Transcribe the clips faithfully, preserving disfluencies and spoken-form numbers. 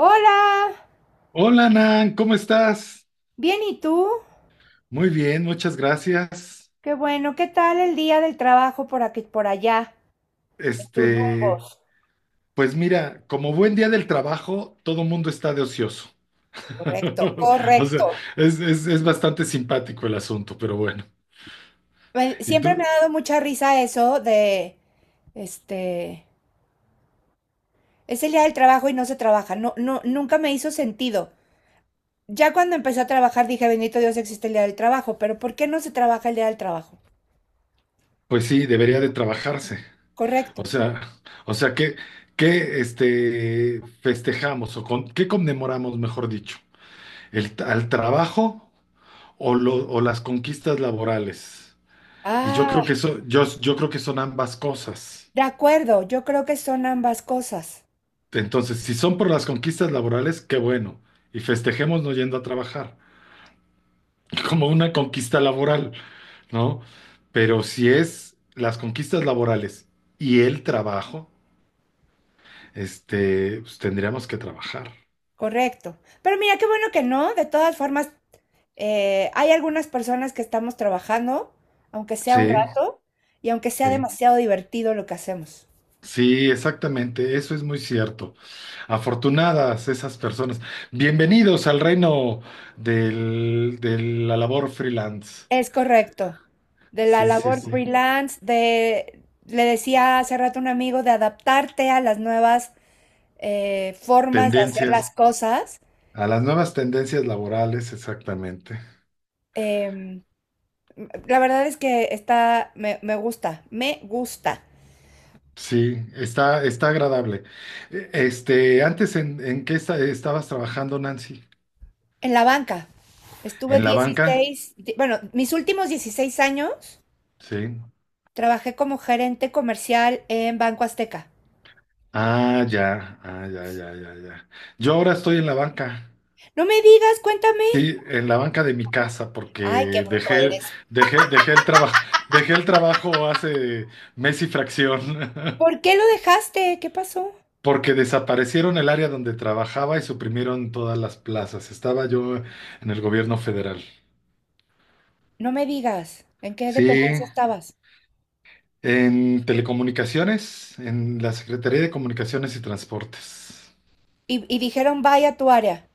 Hola. Hola, Nan, ¿cómo estás? Bien, ¿y tú? Muy bien, muchas gracias. Qué bueno, ¿qué tal el día del trabajo por aquí, por allá, en tus Este, rumbos? pues mira, como buen día del trabajo, todo mundo está de ocioso. Correcto, O sea, correcto. es, es- es bastante simpático el asunto, pero bueno. Me- Y Siempre me tú. ha dado mucha risa eso de, este, es el día del trabajo y no se trabaja. No, no, nunca me hizo sentido. Ya cuando empecé a trabajar dije, bendito Dios, existe el día del trabajo, pero ¿por qué no se trabaja el día del trabajo? Pues sí, debería de trabajarse. Correcto. O sea, o sea, ¿qué, qué este, festejamos o con, qué conmemoramos, mejor dicho? ¿El, al trabajo o, lo- o las conquistas laborales? Y yo creo que Ah, eso, yo, yo creo que son ambas cosas. de acuerdo, yo creo que son ambas cosas. Entonces, si son por las conquistas laborales, qué bueno. Y festejemos no yendo a trabajar, como una conquista laboral, ¿no? Pero si es las conquistas laborales y el trabajo, este, pues tendríamos que trabajar. Correcto. Pero mira, qué bueno que no, de todas formas. Eh, hay algunas personas que estamos trabajando, aunque sea un Sí, rato, y aunque sea sí. demasiado divertido lo que hacemos. Sí, exactamente, eso es muy cierto. Afortunadas esas personas. Bienvenidos al reino del- de la labor freelance. Es correcto. De la Sí, sí, labor sí. freelance, de, le decía hace rato a un amigo, de adaptarte a las nuevas eh, formas de hacer las Tendencias, cosas. a las nuevas tendencias laborales, exactamente. Em, la verdad es que está, me, me gusta, me gusta. Sí, está, está agradable. E- Este, ¿antes en, en, qué esta- estabas trabajando, Nancy? En la banca, estuve ¿En la banca? dieciséis. Di- bueno, mis últimos dieciséis años. Sí. Trabajé como gerente comercial en Banco Azteca. Ah, ya, ah, ya, ya, ya, ya. Yo ahora estoy en la banca. No me digas, cuéntame. Sí, en la banca de mi casa, porque Ay, qué bruto dejé, eres. dejé, dejé el trabajo, dejé el trabajo hace mes y fracción. ¿Por qué lo dejaste? ¿Qué pasó? Porque desaparecieron el área donde trabajaba y suprimieron todas las plazas. Estaba yo en el gobierno federal. No me digas. ¿En qué Sí, dependencia estabas? en telecomunicaciones, en la Secretaría de Comunicaciones y Transportes. Y, y dijeron, vaya a tu área.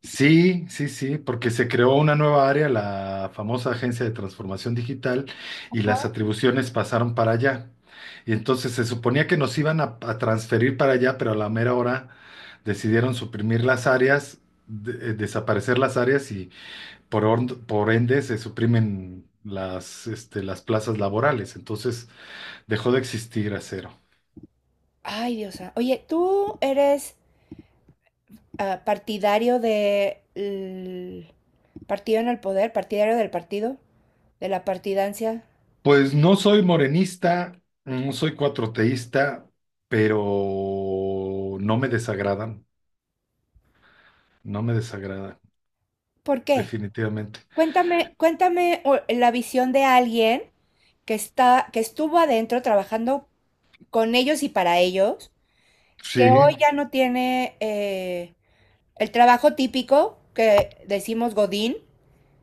Sí, sí, sí, porque se creó una nueva área, la famosa Agencia de Transformación Digital, y Ajá. las atribuciones pasaron para allá. Y entonces se suponía que nos iban a, a transferir para allá, pero a la mera hora decidieron suprimir las áreas, de- eh, desaparecer las áreas por, or- por ende se suprimen las, este, las plazas laborales, entonces dejó de existir Acero. Ay, Dios santo. Oye, ¿tú eres ah, partidario de l- partido en el poder, partidario del partido, de la partidancia? Pues no soy morenista, no soy cuatroteísta, pero no me desagradan, no me desagradan, ¿Por qué? definitivamente. Cuéntame, cuéntame, o- la visión de alguien que está, que estuvo adentro trabajando con ellos y para ellos, que Sí, hoy ya no tiene eh, el trabajo típico que decimos Godín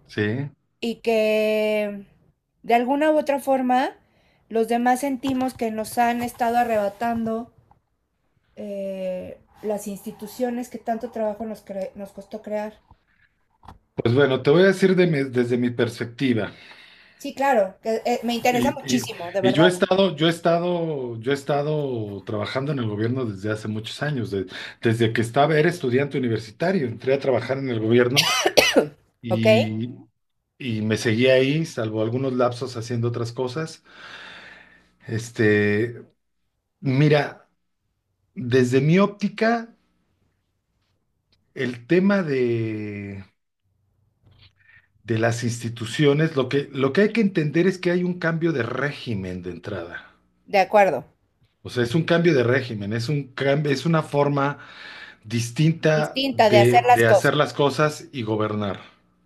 sí. y que de alguna u otra forma los demás sentimos que nos han estado arrebatando eh, las instituciones que tanto trabajo nos, cre- nos costó crear. Pues bueno, te voy a decir de mi- desde mi perspectiva. Sí, claro, que, eh, me Y, interesa y- muchísimo, de y yo he verdad. estado, yo he estado, yo he estado trabajando en el gobierno desde hace muchos años, de- desde que estaba, era estudiante universitario, entré a trabajar en el gobierno ¿Ok? y, y me seguí ahí, salvo algunos lapsos haciendo otras cosas. Este, Mira, desde mi óptica, el tema de, de las instituciones, lo que, lo que hay que entender es que hay un cambio de régimen de entrada. De acuerdo. O sea, es un cambio de régimen, es un cambio, es una forma distinta Distinta de hacer de, las de hacer cosas las cosas y gobernar.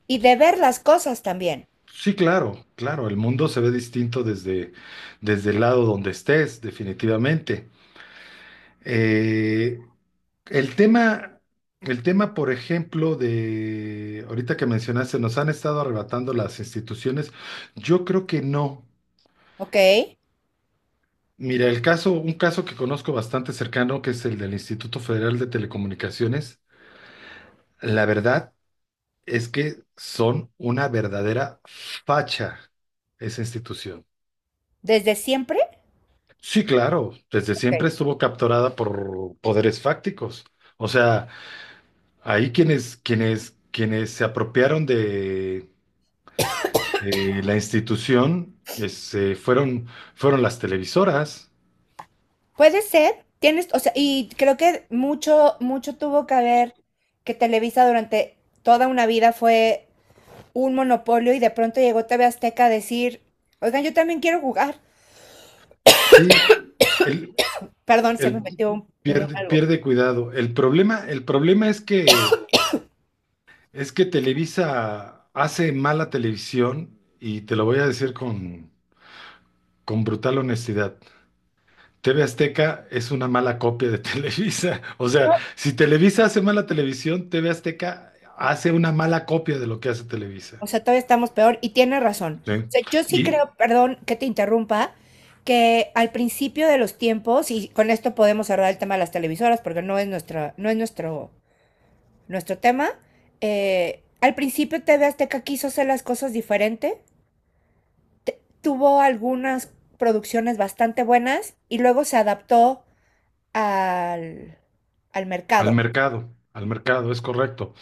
y de ver las cosas también. Sí, claro, claro, el mundo se ve distinto desde, desde el lado donde estés, definitivamente. Eh, el tema, el tema, por ejemplo, de ahorita que mencionaste, nos han estado arrebatando las instituciones. Yo creo que no. ¿Ok? Mira, el caso, un caso que conozco bastante cercano, que es el del Instituto Federal de Telecomunicaciones, la verdad es que son una verdadera facha esa institución. Desde siempre. Sí, claro, desde siempre Ok. estuvo capturada por poderes fácticos. O sea, ahí quienes, quienes, quienes se apropiaron de, de la institución es, eh, fueron, fueron las televisoras. Puede ser, tienes, o sea, y creo que mucho, mucho tuvo que ver que Televisa durante toda una vida fue un monopolio y de pronto llegó T V Azteca a decir, oigan, yo también quiero jugar. Sí, el, Perdón, se me el metió un, un pierde, algo. pierde cuidado. El problema, el problema es que es que Televisa hace mala televisión, y te lo voy a decir con con brutal honestidad. T V Azteca es una mala copia de Televisa. O sea, si Televisa hace mala televisión, T V Azteca hace una mala copia de lo que hace Televisa. O sea, todavía estamos peor y tiene razón. ¿Sí? O sea, yo sí Y creo, perdón que te interrumpa, que al principio de los tiempos, y con esto podemos cerrar el tema de las televisoras porque no es nuestra, no es nuestro nuestro tema. Eh, al principio T V Azteca quiso hacer las cosas diferente, tuvo algunas producciones bastante buenas y luego se adaptó al, al al mercado. mercado, al mercado, es correcto.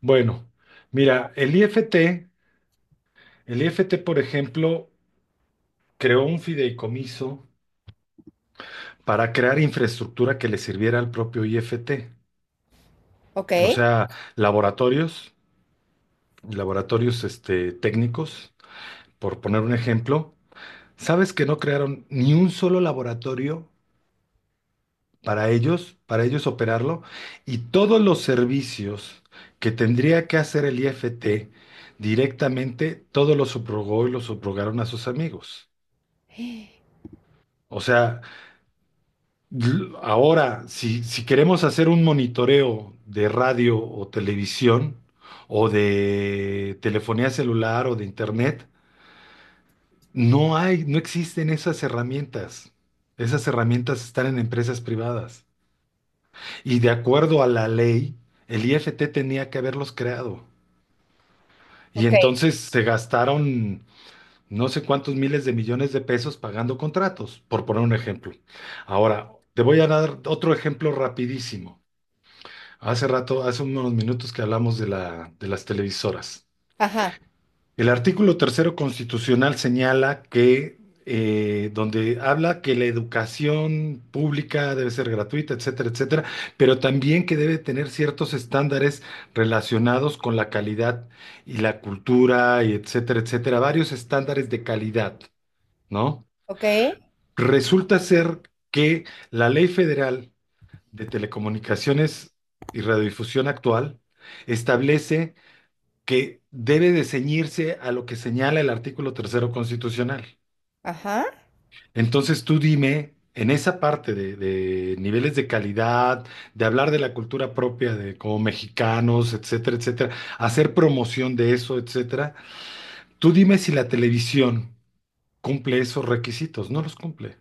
Bueno, mira, el I F T, el I F T, por ejemplo, creó un fideicomiso para crear infraestructura que le sirviera al propio I F T. ¿Ok? O sea, laboratorios, laboratorios este, técnicos, por poner un ejemplo. ¿Sabes que no crearon ni un solo laboratorio para ellos, para ellos operarlo? Y todos los servicios que tendría que hacer el I F T directamente, todos los subrogó y los subrogaron a sus amigos. O sea, l- ahora, si, si queremos hacer un monitoreo de radio o televisión, o de telefonía celular o de internet, no hay, no existen esas herramientas. Esas herramientas están en empresas privadas. Y de acuerdo a la ley, el I F T tenía que haberlos creado. Y Ok. entonces se gastaron no sé cuántos miles de millones de pesos pagando contratos, por poner un ejemplo. Ahora, te voy a dar otro ejemplo rapidísimo. Hace rato, hace unos minutos que hablamos de la, de las televisoras. Ajá. El artículo tercero constitucional señala que, eh, donde habla que la educación pública debe ser gratuita, etcétera, etcétera, pero también que debe tener ciertos estándares relacionados con la calidad y la cultura, y etcétera, etcétera, varios estándares de calidad, ¿no? Ok. Resulta ser que la Ley Federal de Telecomunicaciones y Radiodifusión actual establece que debe de ceñirse a lo que señala el artículo tercero constitucional. Ajá. Entonces, tú dime, en esa parte de, de niveles de calidad, de hablar de la cultura propia de como mexicanos, etcétera, etcétera, hacer promoción de eso, etcétera, tú dime si la televisión cumple esos requisitos, no los cumple.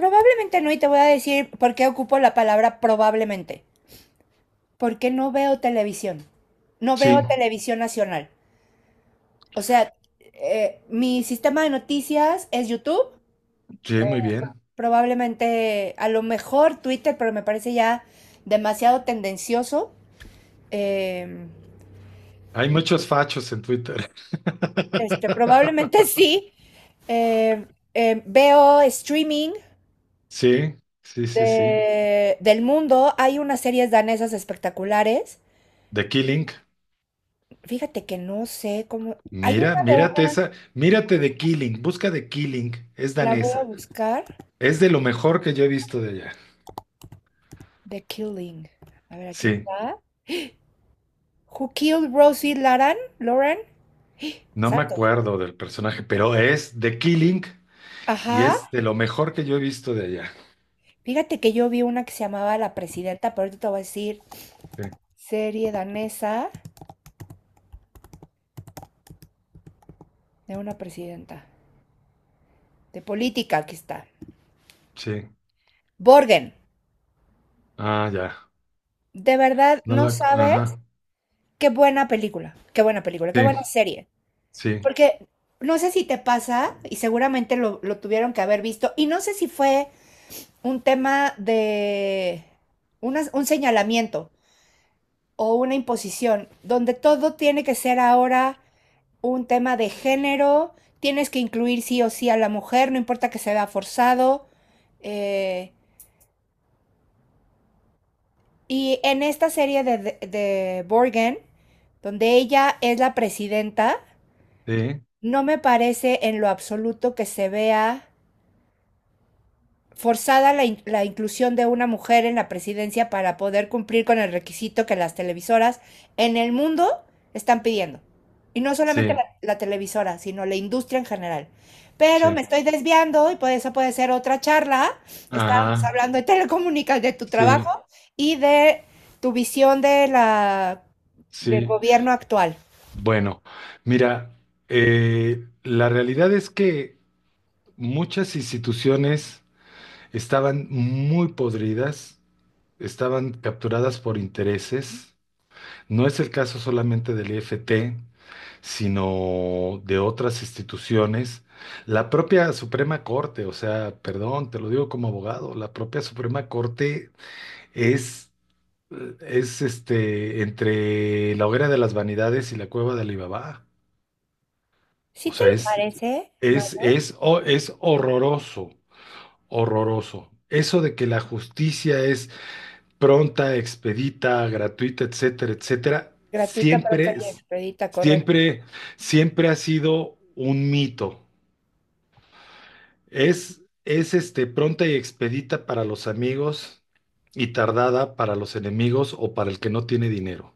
Probablemente no, y te voy a decir por qué ocupo la palabra probablemente. Porque no veo televisión. No veo Sí, televisión nacional. O sea, eh, mi sistema de noticias es YouTube. sí, muy bien. Probablemente, a lo mejor Twitter, pero me parece ya demasiado tendencioso. Eh, Hay muchos fachos en Twitter. Este, probablemente sí. Eh, eh, Veo streaming Sí, sí, sí, sí. de, del mundo. Hay unas series danesas espectaculares. The Killing. Fíjate que no sé cómo. Hay Mira, una de mírate una, esa, mírate de Killing, busca de Killing, es la voy a danesa, buscar. es de lo mejor que yo he visto de allá. The Killing. A ver, aquí Sí, está. Who Killed Rosie Laran? Lauren? no me Santo. acuerdo del personaje, pero es de Killing y Ajá. es de lo mejor que yo he visto de allá. Fíjate que yo vi una que se llamaba La Presidenta, pero ahorita te voy a decir, Sí, serie danesa de una presidenta, de política, aquí está. sí, Borgen, ah, ya, de verdad no no la, sabes ajá, qué buena película, qué buena película, sí, qué buena serie. sí, Porque no sé si te pasa, y seguramente lo, lo tuvieron que haber visto, y no sé si fue un tema de una- un señalamiento o una imposición, donde todo tiene que ser ahora un tema de género, tienes que incluir sí o sí a la mujer, no importa que se vea forzado. eh, y en esta serie de, de, de Borgen, donde ella es la presidenta, sí, no me parece en lo absoluto que se vea forzada la, in- la inclusión de una mujer en la presidencia para poder cumplir con el requisito que las televisoras en el mundo están pidiendo. Y no solamente sí, la, la televisora, sino la industria en general. Pero me sí, estoy desviando y por eso puede ser otra charla. Estábamos ajá, hablando de telecomunicaciones, de tu sí, trabajo y de tu visión de la, del sí. gobierno actual. Bueno, mira, eh, la realidad es que muchas instituciones estaban muy podridas, estaban capturadas por intereses. No es el caso solamente del I F T, sino de otras instituciones. La propia Suprema Corte, o sea, perdón, te lo digo como abogado, la propia Suprema Corte es, es este, entre la hoguera de las vanidades y la cueva de Alibaba. ¿Sí O te sea, lo es, parece, es, Mauro? es, o- es horroroso, horroroso. Eso de que la justicia es pronta, expedita, gratuita, etcétera, etcétera, Gratuita, pronta siempre, y es- expedita, correcto. siempre, siempre ha sido un mito. Es, es este, pronta y expedita para los amigos y tardada para los enemigos o para el que no tiene dinero.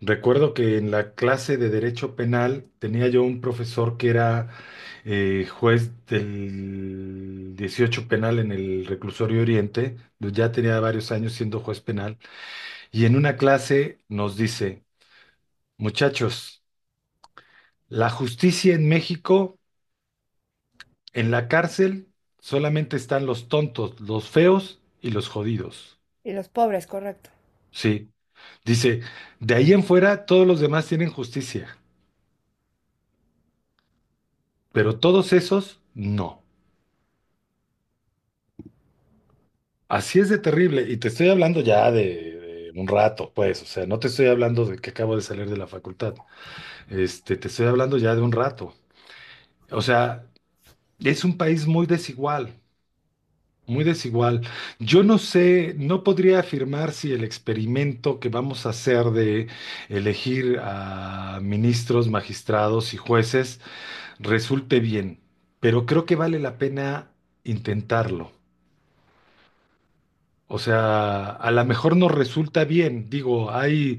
Recuerdo que en la clase de Derecho Penal tenía yo un profesor que era eh, juez del dieciocho penal en el Reclusorio Oriente, ya tenía varios años siendo juez penal. Y en una clase nos dice, muchachos, la justicia en México, en la cárcel, solamente están los tontos, los feos y los jodidos. Y los pobres, correcto. Sí, dice, de ahí en fuera todos los demás tienen justicia, pero todos esos no. Así es de terrible. Y te estoy hablando ya de, de un rato, pues, o sea, no te estoy hablando de que acabo de salir de la facultad. Este, te estoy hablando ya de un rato. O sea, es un país muy desigual. Muy desigual. Yo no sé, no podría afirmar si el experimento que vamos a hacer de elegir a ministros, magistrados y jueces resulte bien, pero creo que vale la pena intentarlo. O sea, a lo mejor nos resulta bien. Digo, hay,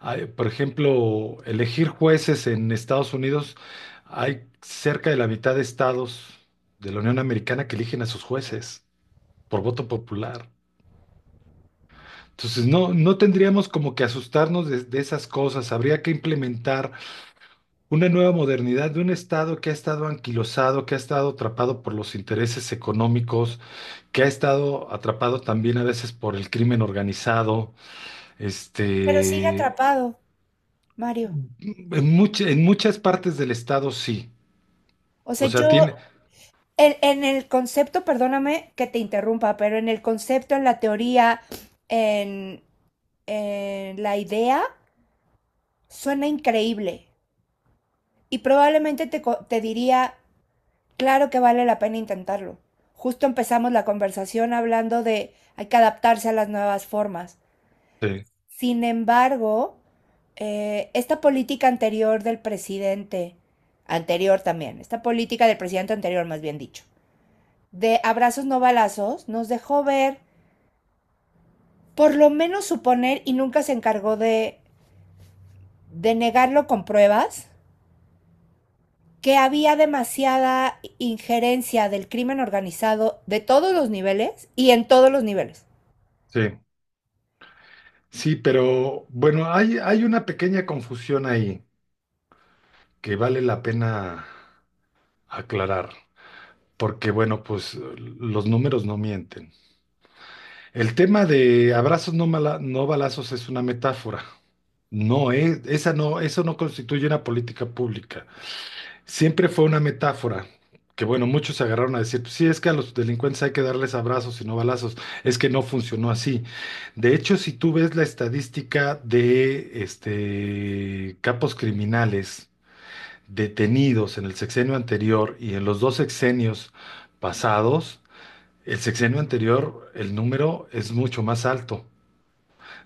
hay, por ejemplo, elegir jueces en Estados Unidos, hay cerca de la mitad de estados de la Unión Americana que eligen a sus jueces por voto popular. Entonces, no, no tendríamos como que asustarnos de, de esas cosas. Habría que implementar una nueva modernidad de un Estado que ha estado anquilosado, que ha estado atrapado por los intereses económicos, que ha estado atrapado también a veces por el crimen organizado. Pero sigue Este, atrapado, Mario. en mucha- en muchas partes del Estado sí. O sea, O sea, yo, tiene... en, en el concepto, perdóname que te interrumpa, pero en el concepto, en la teoría, en, en la idea, suena increíble. Y probablemente te, co- te diría, claro que vale la pena intentarlo. Justo empezamos la conversación hablando de hay que adaptarse a las nuevas formas. Sí, Sin embargo, eh, esta política anterior del presidente, anterior también, esta política del presidente anterior, más bien dicho, de abrazos no balazos, nos dejó ver, por lo menos suponer, y nunca se encargó de, de, negarlo con pruebas, que había demasiada injerencia del crimen organizado de todos los niveles y en todos los niveles. sí, sí, pero bueno, hay, hay una pequeña confusión ahí que vale la pena aclarar. Porque bueno, pues los números no mienten. El tema de abrazos no, mala- no balazos es una metáfora. No, es, esa no, eso no constituye una política pública. Siempre fue una metáfora. Que bueno, muchos se agarraron a decir, pues, sí, es que a los delincuentes hay que darles abrazos y no balazos. Es que no funcionó así. De hecho, si tú ves la estadística de este, capos criminales detenidos en el sexenio anterior y en los dos sexenios pasados, el sexenio anterior, el número es mucho más alto.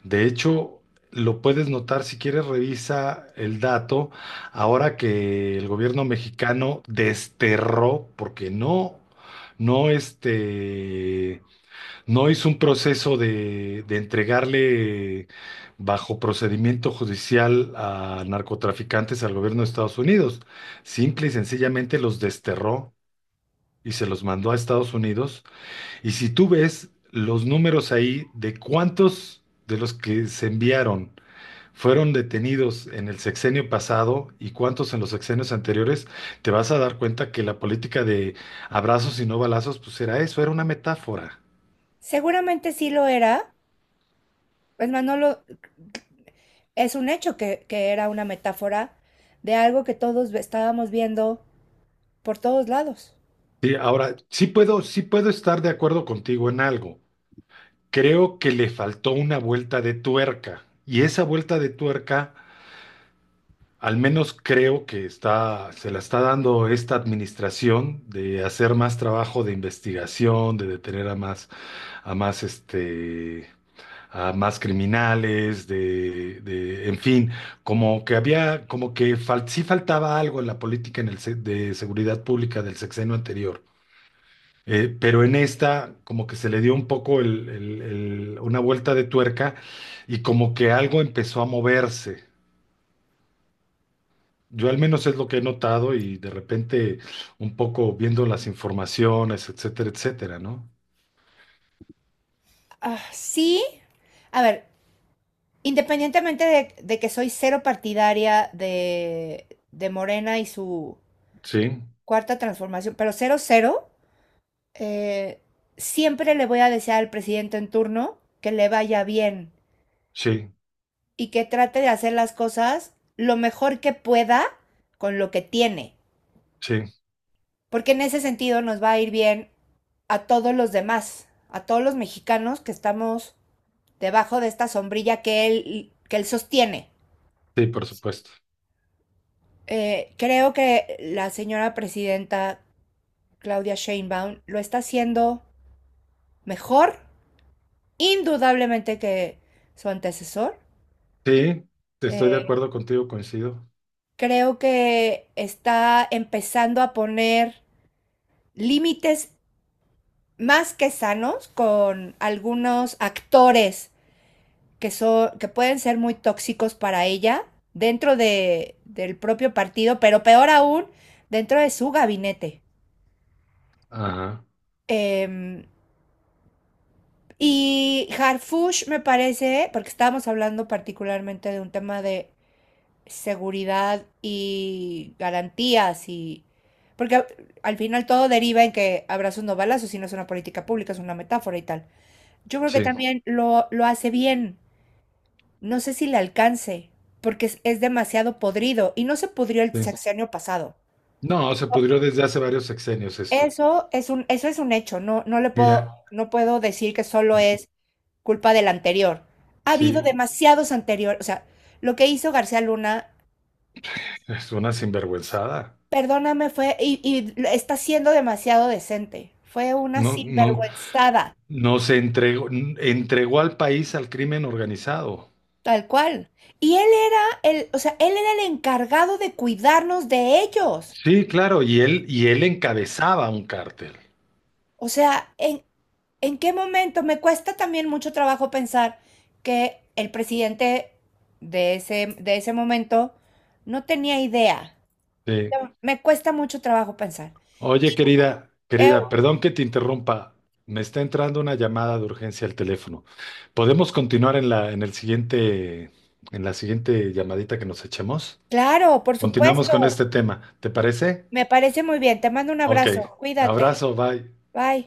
De hecho, lo puedes notar si quieres revisa el dato ahora que el gobierno mexicano desterró, porque no, no este, no hizo un proceso de, de entregarle bajo procedimiento judicial a narcotraficantes al gobierno de Estados Unidos. Simple y sencillamente los desterró y se los mandó a Estados Unidos, y si tú ves los números ahí de cuántos de los que se enviaron fueron detenidos en el sexenio pasado y cuántos en los sexenios anteriores, te vas a dar cuenta que la política de abrazos y no balazos, pues era eso, era una metáfora. Seguramente sí lo era, es manolo, es un hecho que, que, era una metáfora de algo que todos estábamos viendo por todos lados. Sí, ahora, sí puedo, sí puedo estar de acuerdo contigo en algo. Creo que le faltó una vuelta de tuerca y esa vuelta de tuerca, al menos creo que está, se la está dando esta administración de hacer más trabajo de investigación, de detener a más, a más, este, a más criminales, de, de- en fin, como que había, como que fal- sí faltaba algo en la política en el, se- de seguridad pública del sexenio anterior. Eh, pero en esta, como que se le dio un poco el- el- el- una vuelta de tuerca y como que algo empezó a moverse. Yo al menos es lo que he notado y de repente un poco viendo las informaciones, etcétera, etcétera, ¿no? Ah, sí, a ver, independientemente de, de que soy cero partidaria de, de Morena y su Sí, cuarta transformación, pero cero cero, eh, siempre le voy a desear al presidente en turno que le vaya bien sí, y que trate de hacer las cosas lo mejor que pueda con lo que tiene, sí, porque en ese sentido nos va a ir bien a todos los demás, a todos los mexicanos que estamos debajo de esta sombrilla que él, que él sostiene. sí, por supuesto. Eh, creo que la señora presidenta Claudia Sheinbaum lo está haciendo mejor, indudablemente que su antecesor. Sí, estoy de Eh, acuerdo contigo, coincido. creo que está empezando a poner límites más que sanos con algunos actores que, son, que pueden ser muy tóxicos para ella dentro de, del propio partido, pero peor aún, dentro de su gabinete. Ajá, Eh, Y Harfush, me parece, porque estábamos hablando particularmente de un tema de seguridad y garantías, y porque a- al final todo deriva en que abrazos no balazos, si no es una política pública, es una metáfora y tal. Yo creo que sí, también lo, lo hace bien. No sé si le alcance, porque es, es demasiado podrido y no se pudrió el sí. sexenio pasado. No, se pudrió desde hace varios sexenios esto. Eso, eso es un, eso es un hecho. No, no le puedo, Mira, no puedo decir que solo es culpa del anterior. Ha habido sí, demasiados anteriores. O sea, lo que hizo García Luna, es una sinvergüenzada. perdóname, fue. Y, y está siendo demasiado decente. Fue una No, no, sinvergüenzada. no se entregó, entregó al país al crimen organizado. Tal cual. Y él era el, o sea, él era el encargado de cuidarnos de ellos. Sí, claro, y él, y él, encabezaba un cártel. O sea, en, ¿en qué momento? Me cuesta también mucho trabajo pensar que el presidente de ese, de ese momento no tenía idea. Sí, Me cuesta mucho trabajo pensar. oye, Y, querida, querida, perdón que te interrumpa. Me está entrando una llamada de urgencia al teléfono. ¿Podemos continuar en la, en el siguiente, en la siguiente llamadita que nos echemos? Claro, por Continuamos con supuesto. este tema. ¿Te parece? Me parece muy bien. Te mando un Ok. abrazo. Cuídate. Abrazo, bye. Bye.